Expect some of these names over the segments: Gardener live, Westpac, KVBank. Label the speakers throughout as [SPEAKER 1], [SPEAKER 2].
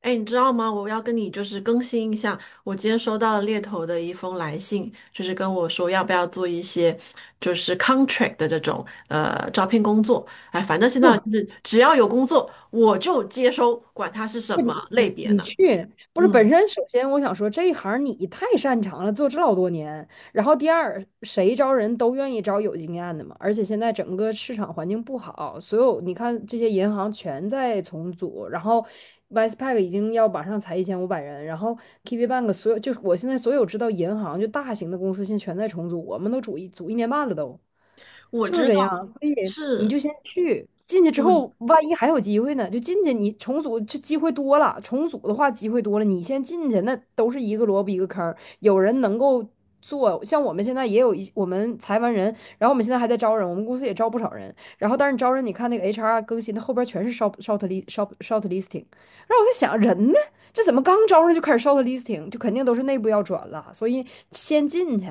[SPEAKER 1] 哎，你知道吗？我要跟你更新一下，我今天收到了猎头的一封来信，就是跟我说要不要做一些contract 的这种招聘工作。哎，反正现在
[SPEAKER 2] 做，
[SPEAKER 1] 就是只要有工作我就接收，管它是什么类别
[SPEAKER 2] 你
[SPEAKER 1] 呢。
[SPEAKER 2] 去，不是本
[SPEAKER 1] 嗯，
[SPEAKER 2] 身，首先我想说这一行你太擅长了，做这老多年，然后第二，谁招人都愿意招有经验的嘛，而且现在整个市场环境不好，所有你看这些银行全在重组，然后 Westpac 已经要马上裁1500人，然后 KVBank 所有就是我现在所有知道银行就大型的公司现在全在重组，我们都组一组一年半了都，
[SPEAKER 1] 我
[SPEAKER 2] 就是
[SPEAKER 1] 知
[SPEAKER 2] 这
[SPEAKER 1] 道。
[SPEAKER 2] 样，所以你就
[SPEAKER 1] 是，
[SPEAKER 2] 先去。进去之
[SPEAKER 1] 嗯，
[SPEAKER 2] 后，万一还有机会呢？就进去，你重组就机会多了。重组的话，机会多了，你先进去，那都是一个萝卜一个坑儿。有人能够做，像我们现在也有一我们裁完人，然后我们现在还在招人，我们公司也招不少人，然后但是招人你看那个 HR 更新的后边全是 short listing，然后我在想人呢，这怎么刚招上就开始 short listing，就肯定都是内部要转了，所以先进去，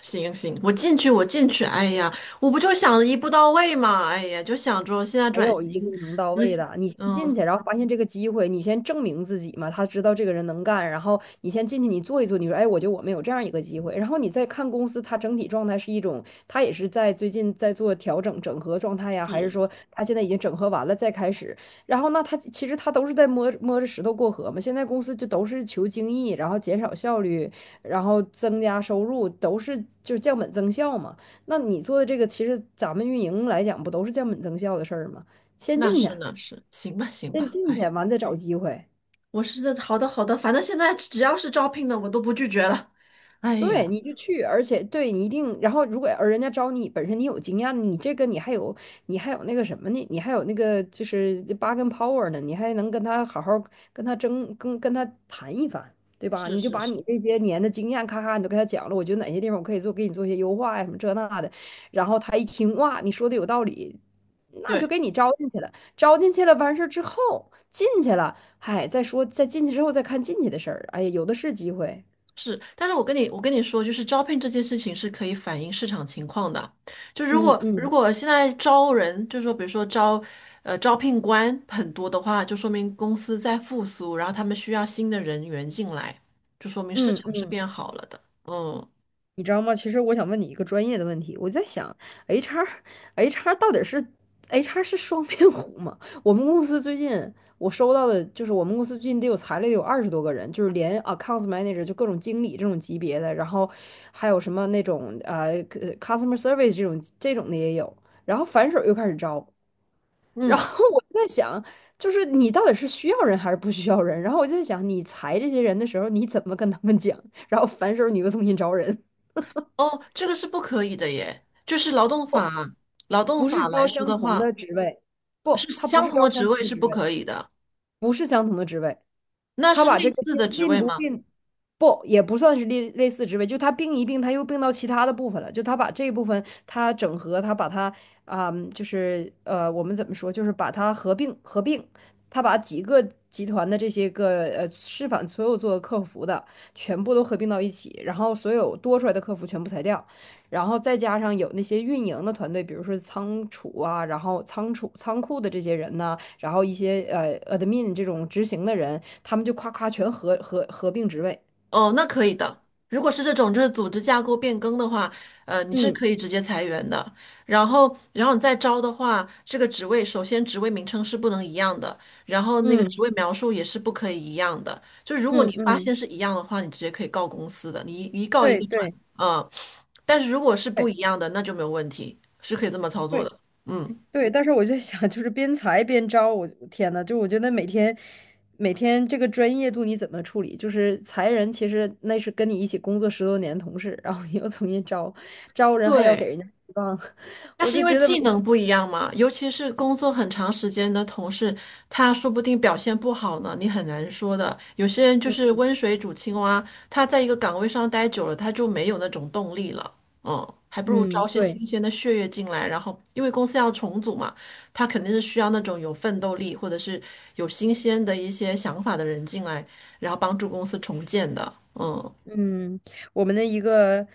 [SPEAKER 1] 行，我进去。哎呀，我不就想着一步到位嘛。哎呀，就想着现在
[SPEAKER 2] 没
[SPEAKER 1] 转
[SPEAKER 2] 有一个
[SPEAKER 1] 型，
[SPEAKER 2] 能到
[SPEAKER 1] 嗯
[SPEAKER 2] 位的。你先进
[SPEAKER 1] 嗯，
[SPEAKER 2] 去，然后发现这个机会，你先证明自己嘛。他知道这个人能干，然后你先进去，你做一做，你说，哎，我觉得我们有这样一个机会。然后你再看公司，它整体状态是一种，它也是在最近在做调整、整合状态呀，还是说它现在已经整合完了再开始？然后那它其实它都是在摸着石头过河嘛。现在公司就都是求精益，然后减少效率，然后增加收入，都是就是降本增效嘛。那你做的这个，其实咱们运营来讲，不都是降本增效的事儿吗？先
[SPEAKER 1] 那
[SPEAKER 2] 进去，
[SPEAKER 1] 是那是，行吧行
[SPEAKER 2] 先
[SPEAKER 1] 吧。
[SPEAKER 2] 进
[SPEAKER 1] 哎
[SPEAKER 2] 去，
[SPEAKER 1] 呀，
[SPEAKER 2] 完再找机会。
[SPEAKER 1] 我是这。好的好的，反正现在只要是招聘的，我都不拒绝了。哎
[SPEAKER 2] 对，
[SPEAKER 1] 呀，
[SPEAKER 2] 你就去，而且对你一定，然后如果而人家招你，本身你有经验，你这个你还有那个什么呢？你还有那个就是八跟 power 呢，你还能跟他好好跟他争，跟他谈一番，对吧？
[SPEAKER 1] 是
[SPEAKER 2] 你就
[SPEAKER 1] 是
[SPEAKER 2] 把你
[SPEAKER 1] 是，
[SPEAKER 2] 这些年的经验咔咔你都跟他讲了，我觉得哪些地方我可以做，给你做一些优化呀什么这那的，然后他一听哇，你说的有道理，那就
[SPEAKER 1] 对。
[SPEAKER 2] 给你招进去了，招进去了完事儿之后进去了，哎，再说再进去之后再看进去的事儿，哎呀，有的是机会，
[SPEAKER 1] 是，但是我跟你说，就是招聘这件事情是可以反映市场情况的。就如
[SPEAKER 2] 嗯
[SPEAKER 1] 果如
[SPEAKER 2] 嗯。
[SPEAKER 1] 果现在招人，就是说比如说招招聘官很多的话，就说明公司在复苏，然后他们需要新的人员进来，就说明市
[SPEAKER 2] 嗯
[SPEAKER 1] 场是
[SPEAKER 2] 嗯，
[SPEAKER 1] 变好了的。嗯
[SPEAKER 2] 你知道吗？其实我想问你一个专业的问题，我在想，HR，HR 到底是 HR 是双面虎吗？我们公司最近我收到的就是我们公司最近裁了得有20多个人，就是连 accounts manager 就各种经理这种级别的，然后还有什么那种customer service 这种的也有，然后反手又开始招，然
[SPEAKER 1] 嗯。
[SPEAKER 2] 后我就在想，就是你到底是需要人还是不需要人？然后我就在想，你裁这些人的时候，你怎么跟他们讲？然后反手你又重新招人。
[SPEAKER 1] 哦，这个是不可以的耶，就是劳动法。
[SPEAKER 2] 不是
[SPEAKER 1] 来
[SPEAKER 2] 招
[SPEAKER 1] 说
[SPEAKER 2] 相
[SPEAKER 1] 的
[SPEAKER 2] 同
[SPEAKER 1] 话。
[SPEAKER 2] 的职位，
[SPEAKER 1] 是，
[SPEAKER 2] 不，他不
[SPEAKER 1] 相
[SPEAKER 2] 是
[SPEAKER 1] 同
[SPEAKER 2] 招
[SPEAKER 1] 的
[SPEAKER 2] 相
[SPEAKER 1] 职
[SPEAKER 2] 同
[SPEAKER 1] 位
[SPEAKER 2] 的
[SPEAKER 1] 是
[SPEAKER 2] 职
[SPEAKER 1] 不
[SPEAKER 2] 位，
[SPEAKER 1] 可以的，
[SPEAKER 2] 不是相同的职位。
[SPEAKER 1] 那
[SPEAKER 2] 他
[SPEAKER 1] 是
[SPEAKER 2] 把
[SPEAKER 1] 类
[SPEAKER 2] 这个
[SPEAKER 1] 似
[SPEAKER 2] 病
[SPEAKER 1] 的职
[SPEAKER 2] 并
[SPEAKER 1] 位
[SPEAKER 2] 不
[SPEAKER 1] 吗？
[SPEAKER 2] 并不也不算是类似职位，就他并一并，他又并到其他的部分了。就他把这一部分他整合，他把它啊、就是呃，我们怎么说，就是把它合并，他把几个集团的这些个示范所有做客服的全部都合并到一起，然后所有多出来的客服全部裁掉，然后再加上有那些运营的团队，比如说仓储啊，然后仓库的这些人呢。然后一些admin 这种执行的人，他们就夸夸全合并职位。
[SPEAKER 1] 哦，那可以的。如果是这种就是组织架构变更的话，你是
[SPEAKER 2] 嗯
[SPEAKER 1] 可以直接裁员的。然后，然后你再招的话，这个职位，首先职位名称是不能一样的，然后那个
[SPEAKER 2] 嗯
[SPEAKER 1] 职位描述也是不可以一样的。就是如果你
[SPEAKER 2] 嗯
[SPEAKER 1] 发
[SPEAKER 2] 嗯，
[SPEAKER 1] 现是一样的话，你直接可以告公司的，你一告一
[SPEAKER 2] 对
[SPEAKER 1] 个准，
[SPEAKER 2] 对
[SPEAKER 1] 嗯。但是如果是不一
[SPEAKER 2] 对
[SPEAKER 1] 样的，那就没有问题，是可以这么操作
[SPEAKER 2] 对
[SPEAKER 1] 的，嗯。
[SPEAKER 2] 对，但是我就想，就是边裁边招，我天呐，就我觉得每天这个专业度你怎么处理？就是裁人，其实那是跟你一起工作10多年的同事，然后你又重新招，招人还要给
[SPEAKER 1] 对，
[SPEAKER 2] 人家希望，
[SPEAKER 1] 那
[SPEAKER 2] 我
[SPEAKER 1] 是
[SPEAKER 2] 就
[SPEAKER 1] 因为
[SPEAKER 2] 觉得每
[SPEAKER 1] 技
[SPEAKER 2] 天，
[SPEAKER 1] 能不一样嘛，尤其是工作很长时间的同事，他说不定表现不好呢，你很难说的。有些人就是温水煮青蛙，他在一个岗位上待久了，他就没有那种动力了。嗯，还不如招
[SPEAKER 2] 嗯，
[SPEAKER 1] 些
[SPEAKER 2] 对。
[SPEAKER 1] 新鲜的血液进来，然后因为公司要重组嘛，他肯定是需要那种有奋斗力或者是有新鲜的一些想法的人进来，然后帮助公司重建的。嗯
[SPEAKER 2] 嗯，我们的一个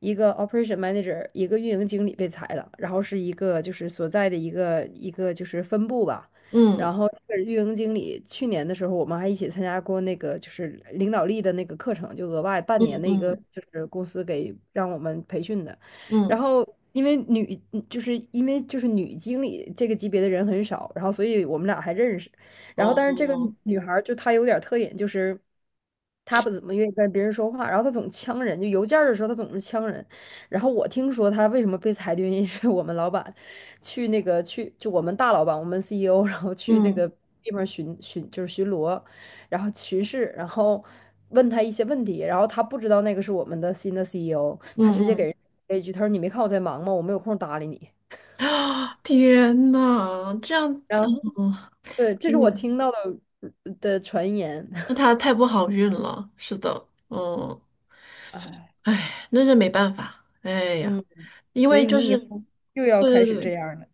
[SPEAKER 2] 一个 operation manager，一个运营经理被裁了，然后是一个就是所在的一个就是分部吧，然
[SPEAKER 1] 嗯。
[SPEAKER 2] 后这个运营经理去年的时候，我们还一起参加过那个就是领导力的那个课程，就额外半
[SPEAKER 1] 嗯
[SPEAKER 2] 年的一个
[SPEAKER 1] 嗯
[SPEAKER 2] 就是公司给让我们培训的，然
[SPEAKER 1] 嗯，
[SPEAKER 2] 后。因为女，因为女经理这个级别的人很少，然后所以我们俩还认识。然后，但是这个
[SPEAKER 1] 哦，
[SPEAKER 2] 女孩儿就她有点儿特点，就是她不怎么愿意跟别人说话，然后她总呛人，就邮件儿的时候她总是呛人。然后我听说她为什么被裁的原因是我们老板去那个去就我们大老板，我们 CEO，然后去那
[SPEAKER 1] 嗯
[SPEAKER 2] 个地方巡巡就是巡逻，然后巡视，然后问他一些问题，然后他不知道那个是我们的新的 CEO，他
[SPEAKER 1] 嗯
[SPEAKER 2] 直接给
[SPEAKER 1] 嗯。
[SPEAKER 2] 人了一句，他说你没看我在忙吗？我没有空搭理你。
[SPEAKER 1] 啊天呐，这样，
[SPEAKER 2] 然后
[SPEAKER 1] 嗯
[SPEAKER 2] 对，这是我听
[SPEAKER 1] 嗯，
[SPEAKER 2] 到的的传言，
[SPEAKER 1] 那 他太不好运了。是的，嗯，
[SPEAKER 2] 哎。
[SPEAKER 1] 哎，那是没办法。哎呀，
[SPEAKER 2] 嗯，
[SPEAKER 1] 因
[SPEAKER 2] 所
[SPEAKER 1] 为
[SPEAKER 2] 以
[SPEAKER 1] 就
[SPEAKER 2] 你以
[SPEAKER 1] 是，
[SPEAKER 2] 后又要开
[SPEAKER 1] 对对
[SPEAKER 2] 始这
[SPEAKER 1] 对，
[SPEAKER 2] 样了。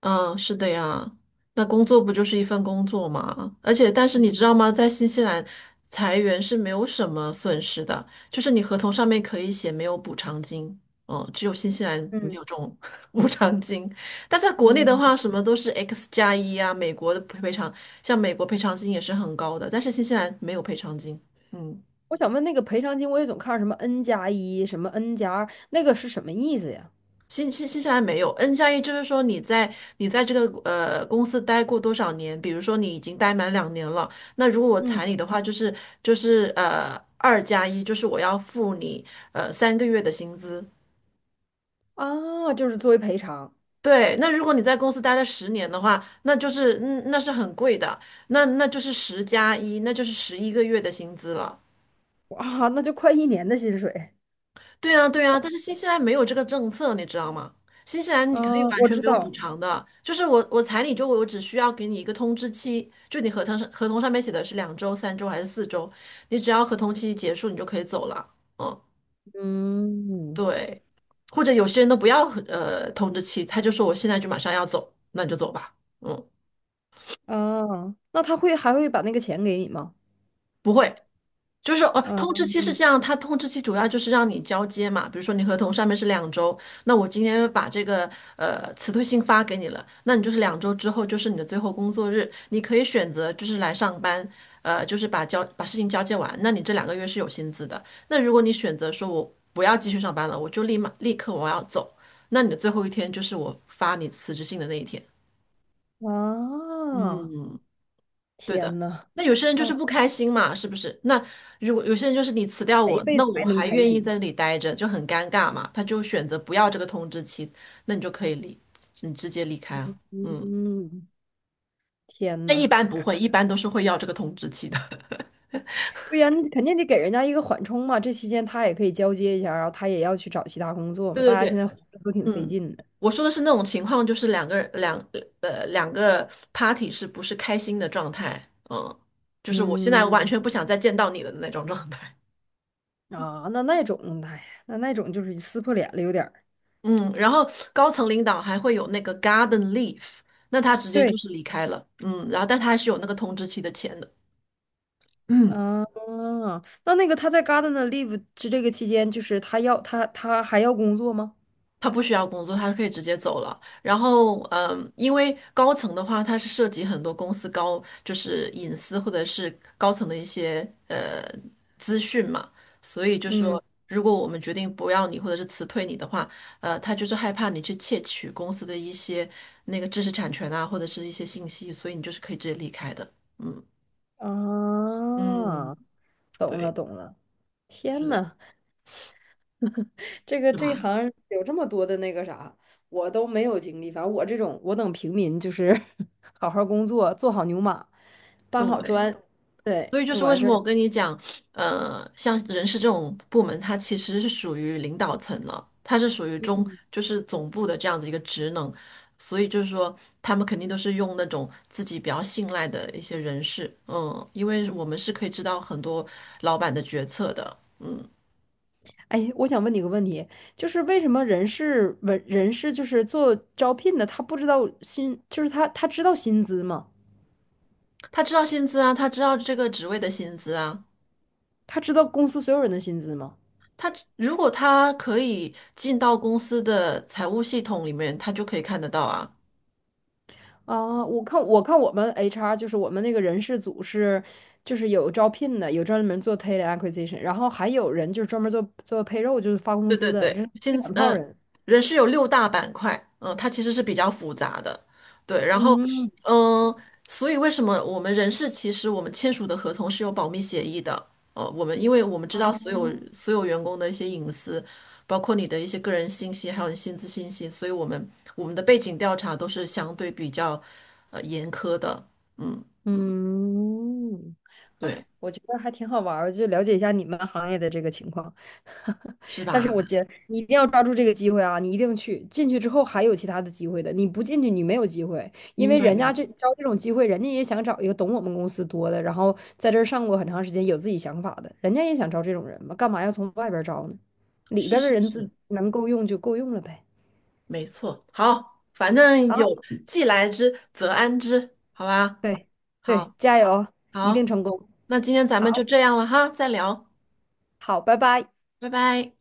[SPEAKER 1] 嗯，是的呀，那工作不就是一份工作嘛？而且，但是你知道吗，在新西兰裁员是没有什么损失的，就是你合同上面可以写没有补偿金，嗯，只有新西兰没
[SPEAKER 2] 嗯
[SPEAKER 1] 有这种 补偿金。但是在国内的
[SPEAKER 2] 嗯，
[SPEAKER 1] 话，什么都是 X 加一啊，美国的赔偿，像美国赔偿金也是很高的，但是新西兰没有赔偿金，嗯。
[SPEAKER 2] 我想问那个赔偿金，我也总看什么 N+1，什么 N+2，那个是什么意思呀？
[SPEAKER 1] 新西兰没有 N 加一，就是说你在这个公司待过多少年？比如说你已经待满两年了，那如果我
[SPEAKER 2] 嗯，
[SPEAKER 1] 裁你的话，就是二加一，就是我要付你三个月的薪资。
[SPEAKER 2] 啊，就是作为赔偿，
[SPEAKER 1] 对，那如果你在公司待了十年的话，那就是嗯那是很贵的，那那就是十加一，那就是十一个月的薪资了。
[SPEAKER 2] 啊，那就快一年的薪水。
[SPEAKER 1] 对啊，对啊，但是新西兰没有这个政策，你知道吗？新西 兰你可以
[SPEAKER 2] 啊，
[SPEAKER 1] 完
[SPEAKER 2] 我
[SPEAKER 1] 全
[SPEAKER 2] 知
[SPEAKER 1] 没有补
[SPEAKER 2] 道。
[SPEAKER 1] 偿的，就是我彩礼就我只需要给你一个通知期，就你合同上面写的是两周、三周还是四周，你只要合同期结束你就可以走了。嗯，
[SPEAKER 2] 嗯，
[SPEAKER 1] 对，或者有些人都不要通知期，他就说我现在就马上要走，那你就走吧。嗯，
[SPEAKER 2] 啊，那他还会把那个钱给你吗？
[SPEAKER 1] 不会。就是哦，通知
[SPEAKER 2] 嗯，
[SPEAKER 1] 期是这样，它通知期主要就是让你交接嘛。比如说你合同上面是两周，那我今天把这个辞退信发给你了，那你就是两周之后就是你的最后工作日，你可以选择就是来上班，就是把把事情交接完，那你这两个月是有薪资的。那如果你选择说我不要继续上班了，我就立刻我要走，那你的最后一天就是我发你辞职信的那一天。
[SPEAKER 2] 啊，
[SPEAKER 1] 嗯，对
[SPEAKER 2] 天
[SPEAKER 1] 的。
[SPEAKER 2] 呐，
[SPEAKER 1] 那有些人就是
[SPEAKER 2] 那
[SPEAKER 1] 不开心嘛，是不是？那如果有些人就是你辞掉
[SPEAKER 2] 得一
[SPEAKER 1] 我，
[SPEAKER 2] 辈
[SPEAKER 1] 那
[SPEAKER 2] 子
[SPEAKER 1] 我
[SPEAKER 2] 还能
[SPEAKER 1] 还
[SPEAKER 2] 开
[SPEAKER 1] 愿意在
[SPEAKER 2] 心。
[SPEAKER 1] 这里待着，就很尴尬嘛。他就选择不要这个通知期，那你就可以你直接离开啊。嗯，
[SPEAKER 2] 嗯，天
[SPEAKER 1] 但一
[SPEAKER 2] 呐。
[SPEAKER 1] 般不会，一般都是会要这个通知期的。
[SPEAKER 2] 对呀，你肯定得给人家一个缓冲嘛。这期间他也可以交接一下，然后他也要去找其他工作嘛。大
[SPEAKER 1] 对对
[SPEAKER 2] 家现在
[SPEAKER 1] 对，
[SPEAKER 2] 活着都挺费
[SPEAKER 1] 嗯，
[SPEAKER 2] 劲的。
[SPEAKER 1] 我说的是那种情况，就是两个 party 是不是开心的状态？嗯，就是我现在完
[SPEAKER 2] 嗯，
[SPEAKER 1] 全不想再见到你的那种状态。
[SPEAKER 2] 啊，那那种，哎呀那种就是撕破脸了，有点儿。
[SPEAKER 1] 嗯，然后高层领导还会有那个 garden leave，那他直接就
[SPEAKER 2] 对，
[SPEAKER 1] 是离开了，嗯，然后但他还是有那个通知期的钱的，嗯，
[SPEAKER 2] 啊，那个他在 Gardener live 之这个期间，就是他还要工作吗？
[SPEAKER 1] 他不需要工作，他可以直接走了。然后，嗯，因为高层的话，它是涉及很多公司高就是隐私或者是高层的一些呃资讯嘛，所以就
[SPEAKER 2] 嗯，
[SPEAKER 1] 说如果我们决定不要你或者是辞退你的话，他就是害怕你去窃取公司的一些那个知识产权啊，或者是一些信息，所以你就是可以直接离开的。嗯。嗯，
[SPEAKER 2] 啊，懂了
[SPEAKER 1] 对，
[SPEAKER 2] 懂了。
[SPEAKER 1] 是
[SPEAKER 2] 天
[SPEAKER 1] 的，
[SPEAKER 2] 呐，这个
[SPEAKER 1] 是
[SPEAKER 2] 这一
[SPEAKER 1] 吧？
[SPEAKER 2] 行有这么多的那个啥，我都没有经历。反正我这种，我等平民就是 好好工作，做好牛马，搬好
[SPEAKER 1] 对，
[SPEAKER 2] 砖，对，
[SPEAKER 1] 所以就
[SPEAKER 2] 就
[SPEAKER 1] 是为
[SPEAKER 2] 完
[SPEAKER 1] 什
[SPEAKER 2] 事儿
[SPEAKER 1] 么我
[SPEAKER 2] 了。
[SPEAKER 1] 跟你讲，像人事这种部门，它其实是属于领导层了，它是属于就是总部的这样子一个职能，所以就是说，他们肯定都是用那种自己比较信赖的一些人事，嗯，因为我们是可以知道很多老板的决策的，嗯，
[SPEAKER 2] 哎，我想问你个问题，就是为什么人事文人事就是做招聘的，他不知道薪，就是他他知道薪资吗？
[SPEAKER 1] 他知道薪资啊，他知道这个职位的薪资啊，
[SPEAKER 2] 他知道公司所有人的薪资吗？
[SPEAKER 1] 他如果他可以进到公司的财务系统里面，他就可以看得到啊。
[SPEAKER 2] 啊，我看我看我们 HR 就是我们那个人事组是，就是有招聘的，有专门做 talent acquisition，然后还有人就是专门做做 payroll，就是发工
[SPEAKER 1] 对
[SPEAKER 2] 资
[SPEAKER 1] 对
[SPEAKER 2] 的，这
[SPEAKER 1] 对，
[SPEAKER 2] 是这两套人。
[SPEAKER 1] 人事有六大板块，它其实是比较复杂的。对，然后
[SPEAKER 2] 嗯，
[SPEAKER 1] 嗯、呃所以为什么我们人事其实我们签署的合同是有保密协议的？呃，我们因为我们知道所有员工的一些隐私，包括你的一些个人信息，还有你薪资信息，所以我们的背景调查都是相对比较严苛的。嗯，
[SPEAKER 2] 嗯，
[SPEAKER 1] 对，
[SPEAKER 2] 哎，我觉得还挺好玩儿，就了解一下你们行业的这个情况。
[SPEAKER 1] 是
[SPEAKER 2] 但是
[SPEAKER 1] 吧？
[SPEAKER 2] 我觉得你一定要抓住这个机会啊！你一定去，进去之后还有其他的机会的，你不进去你没有机会，因
[SPEAKER 1] 明
[SPEAKER 2] 为
[SPEAKER 1] 白，
[SPEAKER 2] 人家
[SPEAKER 1] 明白，
[SPEAKER 2] 这招这种机会，人家也想找一个懂我们公司多的，然后在这儿上过很长时间，有自己想法的，人家也想招这种人嘛，干嘛要从外边儿招呢？里
[SPEAKER 1] 是
[SPEAKER 2] 边儿的
[SPEAKER 1] 是
[SPEAKER 2] 人自
[SPEAKER 1] 是，
[SPEAKER 2] 能够用就够用了呗。
[SPEAKER 1] 没错。好，反正有
[SPEAKER 2] 好，
[SPEAKER 1] 既来之则安之，好吧？
[SPEAKER 2] 对对，
[SPEAKER 1] 好，
[SPEAKER 2] 加油，一定
[SPEAKER 1] 好，
[SPEAKER 2] 成功。
[SPEAKER 1] 那今天咱们就
[SPEAKER 2] 好，
[SPEAKER 1] 这样了哈，再聊，
[SPEAKER 2] 好，拜拜。
[SPEAKER 1] 拜拜。